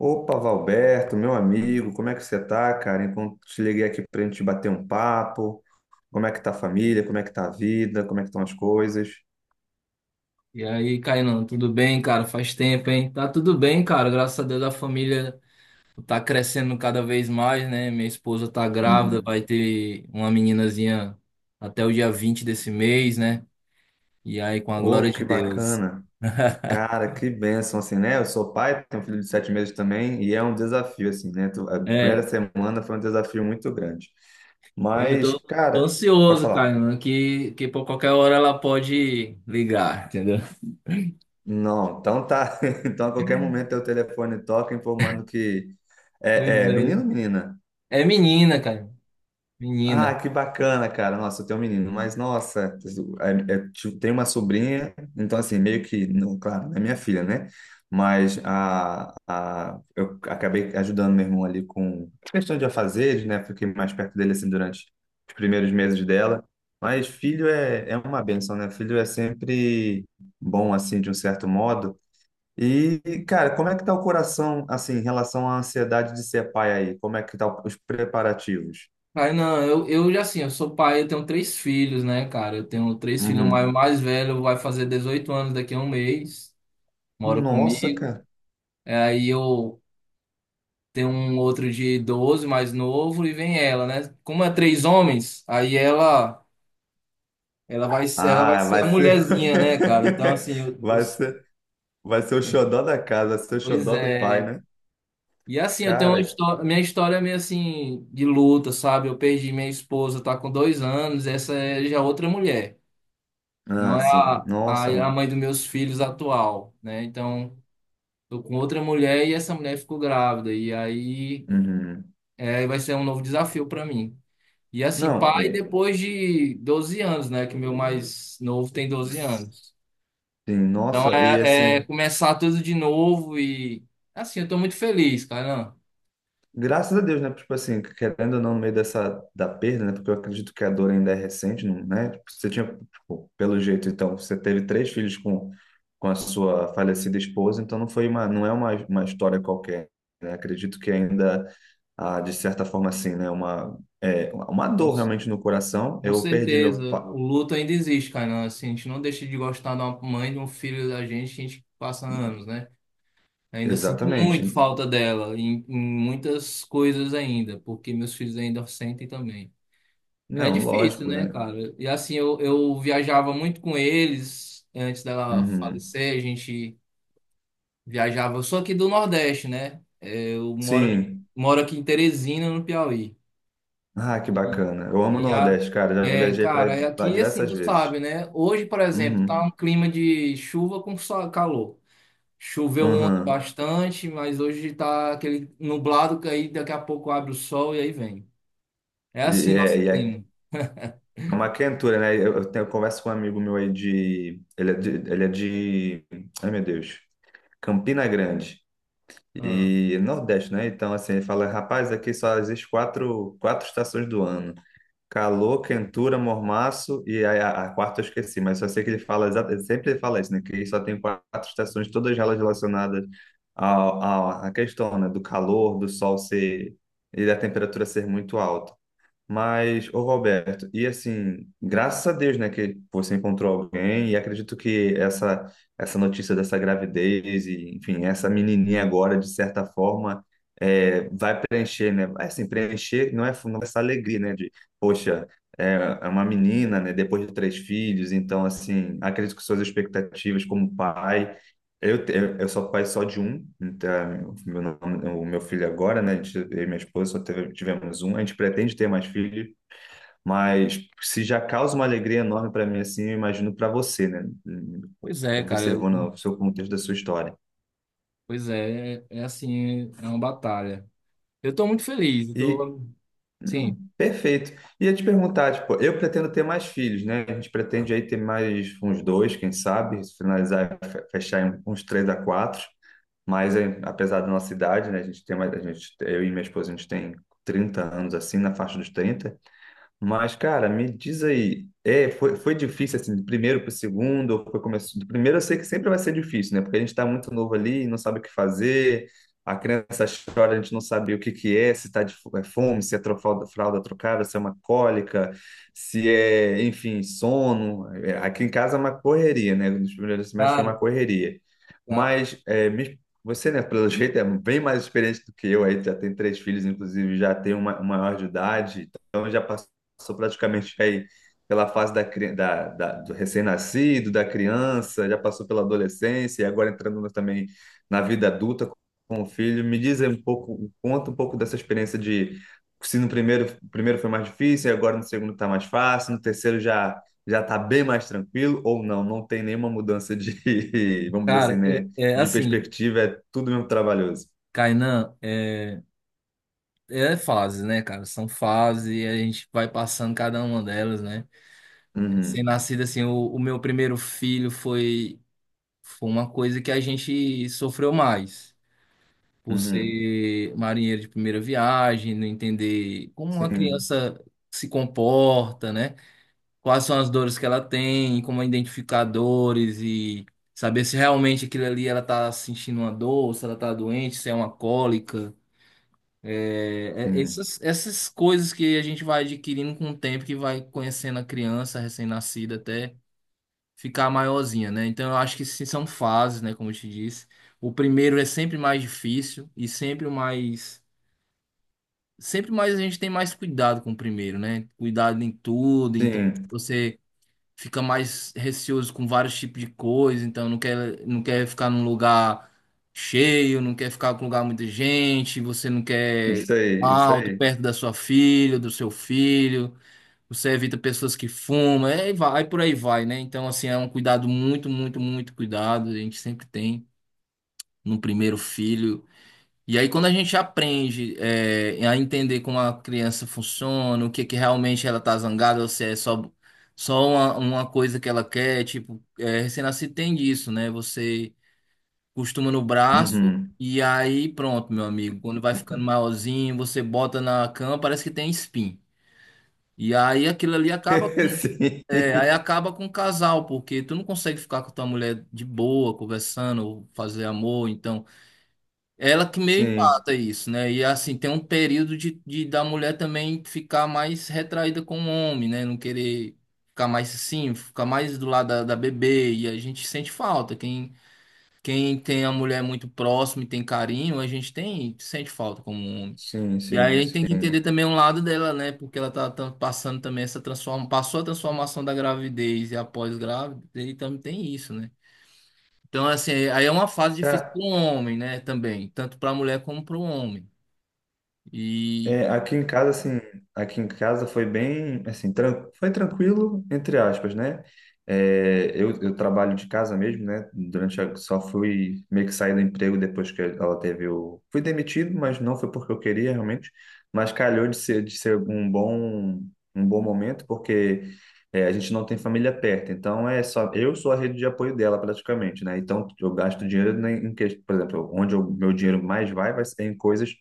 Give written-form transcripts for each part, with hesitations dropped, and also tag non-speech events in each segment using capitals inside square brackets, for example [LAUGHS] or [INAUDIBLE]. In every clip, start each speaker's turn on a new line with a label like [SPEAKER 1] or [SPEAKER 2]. [SPEAKER 1] Opa, Valberto, meu amigo, como é que você tá, cara? Enquanto te liguei aqui pra gente bater um papo, como é que tá a família, como é que tá a vida, como é que estão as coisas?
[SPEAKER 2] E aí, Kainan, tudo bem, cara? Faz tempo, hein? Tá tudo bem, cara. Graças a Deus a família tá crescendo cada vez mais, né? Minha esposa tá grávida,
[SPEAKER 1] Uhum.
[SPEAKER 2] vai ter uma meninazinha até o dia 20 desse mês, né? E aí, com a glória
[SPEAKER 1] Oh,
[SPEAKER 2] de
[SPEAKER 1] que
[SPEAKER 2] Deus.
[SPEAKER 1] bacana.
[SPEAKER 2] [LAUGHS]
[SPEAKER 1] Cara, que bênção, assim, né? Eu sou pai, tenho um filho de 7 meses também, e é um desafio, assim, né? A primeira
[SPEAKER 2] É,
[SPEAKER 1] semana foi um desafio muito grande.
[SPEAKER 2] eu
[SPEAKER 1] Mas,
[SPEAKER 2] tô, tô
[SPEAKER 1] cara, pode
[SPEAKER 2] ansioso,
[SPEAKER 1] falar.
[SPEAKER 2] Kainan, que por qualquer hora ela pode ligar, entendeu?
[SPEAKER 1] Não, então tá. [LAUGHS] Então a qualquer momento o telefone toca informando que
[SPEAKER 2] Pois
[SPEAKER 1] é menino
[SPEAKER 2] é.
[SPEAKER 1] ou menina?
[SPEAKER 2] É menina, cara.
[SPEAKER 1] Ah,
[SPEAKER 2] Menina.
[SPEAKER 1] que bacana, cara. Nossa, eu tenho um menino, mas nossa, tipo, tem uma sobrinha, então assim, meio que, não, claro, não é minha filha, né? Mas eu acabei ajudando meu irmão ali com questão de afazeres, né? Fiquei mais perto dele assim durante os primeiros meses dela. Mas filho é uma bênção, né? Filho é sempre bom, assim, de um certo modo. E, cara, como é que tá o coração, assim, em relação à ansiedade de ser pai aí? Como é que tá os preparativos?
[SPEAKER 2] Aí não, eu já assim, eu sou pai, eu tenho três filhos, né, cara? Eu tenho três filhos, o mais,
[SPEAKER 1] Uhum.
[SPEAKER 2] mais velho vai fazer 18 anos daqui a um mês, mora
[SPEAKER 1] Nossa,
[SPEAKER 2] comigo.
[SPEAKER 1] cara.
[SPEAKER 2] É, aí eu tenho um outro de 12 mais novo, e vem ela, né? Como é três homens, aí ela vai
[SPEAKER 1] Ah,
[SPEAKER 2] ser
[SPEAKER 1] vai
[SPEAKER 2] a
[SPEAKER 1] ser.
[SPEAKER 2] mulherzinha, né, cara? Então,
[SPEAKER 1] [LAUGHS]
[SPEAKER 2] assim,
[SPEAKER 1] Vai ser, vai ser o xodó da casa, vai ser o
[SPEAKER 2] pois
[SPEAKER 1] xodó do pai,
[SPEAKER 2] é.
[SPEAKER 1] né?
[SPEAKER 2] E assim, eu tenho uma
[SPEAKER 1] Cara,
[SPEAKER 2] história, minha história é meio assim, de luta, sabe? Eu perdi minha esposa, tá com 2 anos, essa é já outra mulher. Não
[SPEAKER 1] ah,
[SPEAKER 2] é
[SPEAKER 1] sim.
[SPEAKER 2] a,
[SPEAKER 1] Nossa,
[SPEAKER 2] a, a
[SPEAKER 1] mano.
[SPEAKER 2] mãe dos meus filhos atual, né? Então, tô com outra mulher e essa mulher ficou grávida. E aí
[SPEAKER 1] Uhum.
[SPEAKER 2] vai ser um novo desafio para mim. E assim,
[SPEAKER 1] Não,
[SPEAKER 2] pai
[SPEAKER 1] e,
[SPEAKER 2] depois de 12 anos, né? Que meu mais novo tem 12 anos.
[SPEAKER 1] sim,
[SPEAKER 2] Então
[SPEAKER 1] nossa, e
[SPEAKER 2] é
[SPEAKER 1] assim.
[SPEAKER 2] começar tudo de novo e assim, eu tô muito feliz, Kainan.
[SPEAKER 1] Graças a Deus, né? Tipo assim, querendo ou não, no meio dessa da perda, né? Porque eu acredito que a dor ainda é recente, não, né? Tipo, você tinha, tipo, pelo jeito, então, você teve três filhos com a sua falecida esposa, então não foi uma, não é uma história qualquer, né? Acredito que ainda, ah, de certa forma, assim, né? Uma, é, uma
[SPEAKER 2] Com,
[SPEAKER 1] dor realmente no coração.
[SPEAKER 2] com
[SPEAKER 1] Eu perdi meu
[SPEAKER 2] certeza. O
[SPEAKER 1] pa...
[SPEAKER 2] luto ainda existe, Kainan. Assim, a gente não deixa de gostar de uma mãe, de um filho da gente, a gente passa anos, né? Ainda sinto muito
[SPEAKER 1] Exatamente.
[SPEAKER 2] falta dela em muitas coisas ainda, porque meus filhos ainda sentem também. É
[SPEAKER 1] Não,
[SPEAKER 2] difícil,
[SPEAKER 1] lógico,
[SPEAKER 2] né,
[SPEAKER 1] né?
[SPEAKER 2] cara? E assim, eu viajava muito com eles antes dela
[SPEAKER 1] Uhum.
[SPEAKER 2] falecer, a gente viajava. Eu sou aqui do Nordeste, né? É, eu moro, aqui-
[SPEAKER 1] Sim.
[SPEAKER 2] moro aqui em Teresina, no Piauí.
[SPEAKER 1] Ah, que bacana. Eu amo o
[SPEAKER 2] E a,
[SPEAKER 1] Nordeste, cara. Já
[SPEAKER 2] É,
[SPEAKER 1] viajei
[SPEAKER 2] cara, é
[SPEAKER 1] para
[SPEAKER 2] aqui assim,
[SPEAKER 1] diversas
[SPEAKER 2] tu
[SPEAKER 1] vezes.
[SPEAKER 2] sabe, né? Hoje, por exemplo, tá um
[SPEAKER 1] Uhum.
[SPEAKER 2] clima de chuva com calor. Choveu ontem
[SPEAKER 1] Uhum.
[SPEAKER 2] bastante, mas hoje tá aquele nublado que aí daqui a pouco abre o sol e aí vem. É assim nosso
[SPEAKER 1] E é
[SPEAKER 2] clima.
[SPEAKER 1] uma quentura, né? Eu tenho, eu converso com um amigo meu aí de. Ele é de. Ai, meu Deus. Campina Grande.
[SPEAKER 2] Ah,
[SPEAKER 1] E Nordeste, né? Então, assim, ele fala: rapaz, aqui só existe quatro estações do ano: calor, quentura, mormaço e a quarta eu esqueci, mas só sei que ele fala, ele sempre fala isso, né? Que só tem quatro estações, todas elas relacionadas à questão, né? Do calor, do sol ser e da temperatura ser muito alta. Mas, ô Roberto, e assim, graças a Deus, né, que você encontrou alguém, e acredito que essa notícia dessa gravidez, e enfim, essa menininha agora, de certa forma, é, vai preencher, né? Assim, preencher não é, não é essa alegria, né, de, poxa, é, é uma menina, né, depois de três filhos, então, assim, acredito que suas expectativas como pai eu, te- eu sou pai só de um, então, o meu filho agora, né? Eu e minha esposa tivemos um. A gente pretende ter mais filhos, mas se já causa uma alegria enorme para mim, assim, eu imagino para você, né?
[SPEAKER 2] pois é, cara.
[SPEAKER 1] Observando o seu contexto da sua história.
[SPEAKER 2] Pois é, é assim, é uma batalha. Eu tô muito feliz,
[SPEAKER 1] E
[SPEAKER 2] sim,
[SPEAKER 1] não, perfeito. Ia te perguntar, tipo, eu pretendo ter mais filhos, né? A gente pretende aí ter mais uns dois, quem sabe, se finalizar, fechar em uns três a quatro. Mas é, apesar da nossa idade, né? A gente tem mais, a gente, eu e minha esposa, a gente tem 30 anos, assim, na faixa dos 30. Mas, cara, me diz aí, é, foi difícil assim, do primeiro para o segundo, ou foi começo, do primeiro eu sei que sempre vai ser difícil, né? Porque a gente está muito novo ali, não sabe o que fazer, a criança chora, a gente não sabe o que que é, se está é fome, se é fralda, fralda trocada, se é uma cólica, se é, enfim, sono. É, aqui em casa é uma correria, né? Nos primeiros semestres foi uma
[SPEAKER 2] cara,
[SPEAKER 1] correria.
[SPEAKER 2] ca-
[SPEAKER 1] Mas é, você, né, pelo jeito, é bem mais experiente do que eu, aí já tem três filhos, inclusive já tem uma maior de idade, então já passou praticamente aí pela fase da, cri- da- da- do recém-nascido, da criança, já passou pela adolescência e agora entrando no- também na vida adulta com o filho. Me diz aí um pouco, conta um pouco dessa experiência de se no primeiro foi mais difícil, e agora no segundo está mais fácil, no terceiro já está bem mais tranquilo, ou não, não tem nenhuma mudança de, [LAUGHS] vamos dizer assim,
[SPEAKER 2] cara,
[SPEAKER 1] né,
[SPEAKER 2] é
[SPEAKER 1] de
[SPEAKER 2] assim,
[SPEAKER 1] perspectiva, é tudo mesmo trabalhoso.
[SPEAKER 2] Kainan, é fase, né, cara? São fases e a gente vai passando cada uma delas, né? Sem
[SPEAKER 1] Uhum,
[SPEAKER 2] nascido, assim, o meu primeiro filho foi uma coisa que a gente sofreu mais. Por
[SPEAKER 1] uhum.
[SPEAKER 2] ser marinheiro de primeira viagem, não entender como uma
[SPEAKER 1] Sim,
[SPEAKER 2] criança se comporta, né? Quais são as dores que ela tem, como é identificar dores e saber se realmente aquilo ali ela tá sentindo uma dor, se ela tá doente, se é uma cólica. É, é-
[SPEAKER 1] sim,
[SPEAKER 2] essas, essas coisas que a gente vai adquirindo com o tempo, que vai conhecendo a criança recém-nascida até ficar maiorzinha, né? Então eu acho que sim, são fases, né? Como eu te disse. O primeiro é sempre mais difícil e sempre o mais sempre mais a gente tem mais cuidado com o primeiro, né? Cuidado em tudo, então
[SPEAKER 1] sim.
[SPEAKER 2] você fica mais receoso com vários tipos de coisa, então não quer ficar num lugar cheio, não quer ficar com lugar muita gente, você não quer
[SPEAKER 1] Isso aí, isso
[SPEAKER 2] alto,
[SPEAKER 1] aí.
[SPEAKER 2] perto da sua filha, do seu filho, você evita pessoas que fumam, é, e vai, por aí vai, né? Então, assim, é um cuidado muito, muito, muito cuidado, a gente sempre tem no primeiro filho. E aí, quando a gente aprende é, a entender como a criança funciona, o que que realmente ela tá zangada, ou se é só uma coisa que ela quer, tipo, é, recém-nascido tem disso, né? Você costuma no braço
[SPEAKER 1] Uhum.
[SPEAKER 2] e aí pronto, meu amigo. Quando vai ficando maiorzinho, você bota na cama, parece que tem espinho. E aí aquilo ali
[SPEAKER 1] [LAUGHS]
[SPEAKER 2] acaba com o casal, porque tu não consegue ficar com tua mulher de boa, conversando, ou fazer amor, então. Ela que meio
[SPEAKER 1] Sim, sim,
[SPEAKER 2] empata isso, né? E assim, tem um período de da mulher também ficar mais retraída com o homem, né? Não querer ficar mais assim, ficar mais do lado da, da bebê. E a gente sente falta. Quem tem a mulher muito próxima e tem carinho, a gente tem, sente falta como homem.
[SPEAKER 1] sim,
[SPEAKER 2] E aí
[SPEAKER 1] sim,
[SPEAKER 2] a gente tem que entender
[SPEAKER 1] sim.
[SPEAKER 2] também um lado dela, né? Porque ela tá passando também essa transformação, passou a transformação da gravidez e após grávida, e também tem isso, né? Então, assim, aí é uma fase difícil
[SPEAKER 1] É,
[SPEAKER 2] para o homem, né? Também, tanto para a mulher como para o homem. E
[SPEAKER 1] é, aqui em casa, assim, aqui em casa foi bem, assim, tran foi tranquilo, entre aspas, né? É, eu trabalho de casa mesmo, né? Durante a, só fui meio que sair do emprego depois que ela teve o... Fui demitido, mas não foi porque eu queria realmente, mas calhou de ser um bom momento, porque é, a gente não tem família perto, então é só... Eu sou a rede de apoio dela praticamente, né? Então eu gasto dinheiro em, em que, por exemplo, onde o meu dinheiro mais vai, vai ser em coisas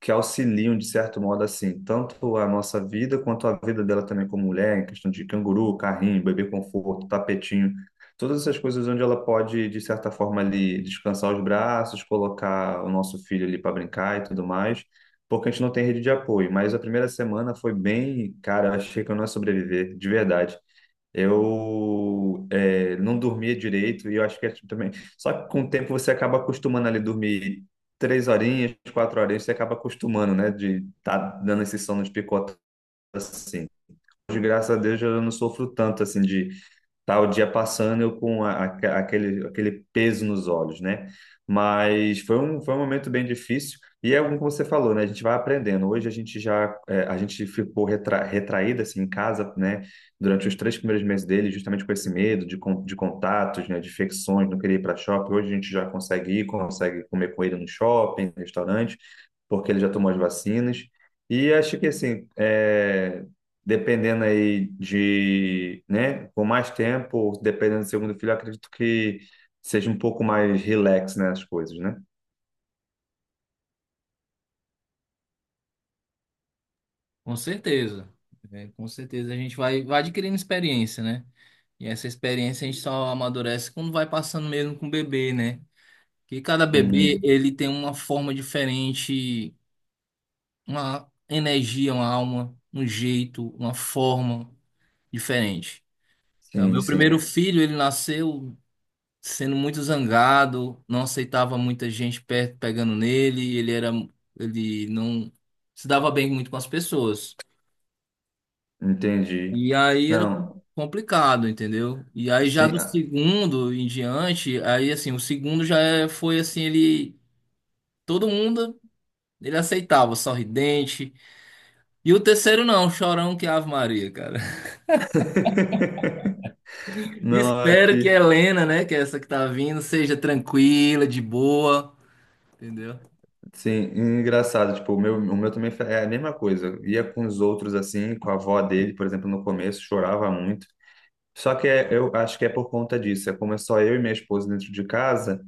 [SPEAKER 1] que auxiliam, de certo modo, assim, tanto a nossa vida quanto a vida dela também como mulher, em questão de canguru, carrinho, bebê conforto, tapetinho, todas essas coisas onde ela pode, de certa forma, ali descansar os braços, colocar o nosso filho ali para brincar e tudo mais, porque a gente não tem rede de apoio. Mas a primeira semana foi bem, cara, eu achei que eu não ia sobreviver, de verdade. Eu é, não dormia direito e eu acho que é tipo também. Só que com o tempo você acaba acostumando ali dormir 3 horinhas, 4 horinhas, você acaba acostumando, né? De estar tá dando esse sono de picota assim. Hoje, graças a Deus, eu não sofro tanto assim de tá o dia passando eu com aquele, aquele peso nos olhos, né? Mas foi um momento bem difícil e é como você falou, né? A gente vai aprendendo. Hoje a gente já, é, a gente ficou retraída assim em casa, né? Durante os 3 primeiros meses dele, justamente com esse medo de, de contatos, né? De infecções, não queria ir para shopping. Hoje a gente já consegue ir, consegue comer com ele no shopping, restaurante, porque ele já tomou as vacinas. E acho que assim, é, dependendo aí de, né, com mais tempo, dependendo do segundo filho, eu acredito que seja um pouco mais relax, né, as coisas, né?
[SPEAKER 2] com certeza, né, com certeza a gente vai adquirindo experiência, né? E essa experiência a gente só amadurece quando vai passando mesmo com o bebê, né? Que cada bebê
[SPEAKER 1] Uhum.
[SPEAKER 2] ele tem uma forma diferente, uma energia, uma alma, um jeito, uma forma diferente. Então,
[SPEAKER 1] Sim,
[SPEAKER 2] meu primeiro
[SPEAKER 1] sim,
[SPEAKER 2] filho, ele nasceu sendo muito zangado, não aceitava muita gente perto pegando nele, ele era, ele não se dava bem muito com as pessoas.
[SPEAKER 1] entendi.
[SPEAKER 2] E aí era
[SPEAKER 1] Não,
[SPEAKER 2] complicado, entendeu? E aí já
[SPEAKER 1] sim.
[SPEAKER 2] do
[SPEAKER 1] Ah.
[SPEAKER 2] segundo em diante, aí assim, o segundo já foi assim, ele todo mundo ele aceitava, sorridente. E o terceiro não, chorão que Ave Maria, cara.
[SPEAKER 1] [LAUGHS]
[SPEAKER 2] [LAUGHS]
[SPEAKER 1] Não,
[SPEAKER 2] Espero que a
[SPEAKER 1] aqui,
[SPEAKER 2] Helena, né, que é essa que tá vindo, seja tranquila, de boa, entendeu?
[SPEAKER 1] sim, engraçado, tipo, o meu também é a mesma coisa. Ia com os outros assim, com a avó dele, por exemplo, no começo, chorava muito. Só que eu acho que é por conta disso, é como é só eu e minha esposa dentro de casa,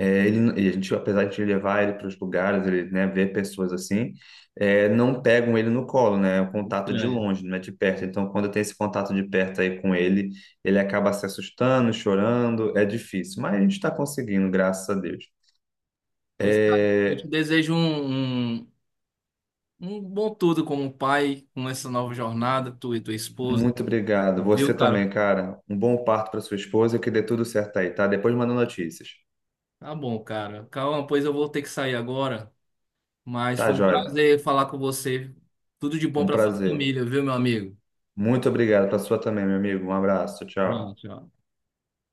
[SPEAKER 1] é, ele, e a gente, apesar de levar ele para os lugares, ele, né, ver pessoas assim, é, não pegam ele no colo, né? É um contato de
[SPEAKER 2] Estranho.
[SPEAKER 1] longe, não é de perto. Então, quando tem esse contato de perto aí com ele, ele acaba se assustando, chorando, é difícil. Mas a gente está conseguindo, graças a Deus.
[SPEAKER 2] Pois, cara, eu te
[SPEAKER 1] É,
[SPEAKER 2] desejo um, um, um bom tudo como pai, com essa nova jornada, tu e tua esposa,
[SPEAKER 1] muito obrigado. Você
[SPEAKER 2] viu, cara?
[SPEAKER 1] também, cara. Um bom parto para sua esposa e que dê tudo certo aí, tá? Depois manda notícias.
[SPEAKER 2] Tá bom, cara. Calma, pois eu vou ter que sair agora, mas
[SPEAKER 1] Tá,
[SPEAKER 2] foi um
[SPEAKER 1] joia?
[SPEAKER 2] prazer falar com você. Tudo de bom
[SPEAKER 1] Um
[SPEAKER 2] pra sua
[SPEAKER 1] prazer.
[SPEAKER 2] família, viu, meu amigo?
[SPEAKER 1] Muito obrigado para sua também, meu amigo. Um abraço.
[SPEAKER 2] Tchau,
[SPEAKER 1] Tchau.
[SPEAKER 2] tchau.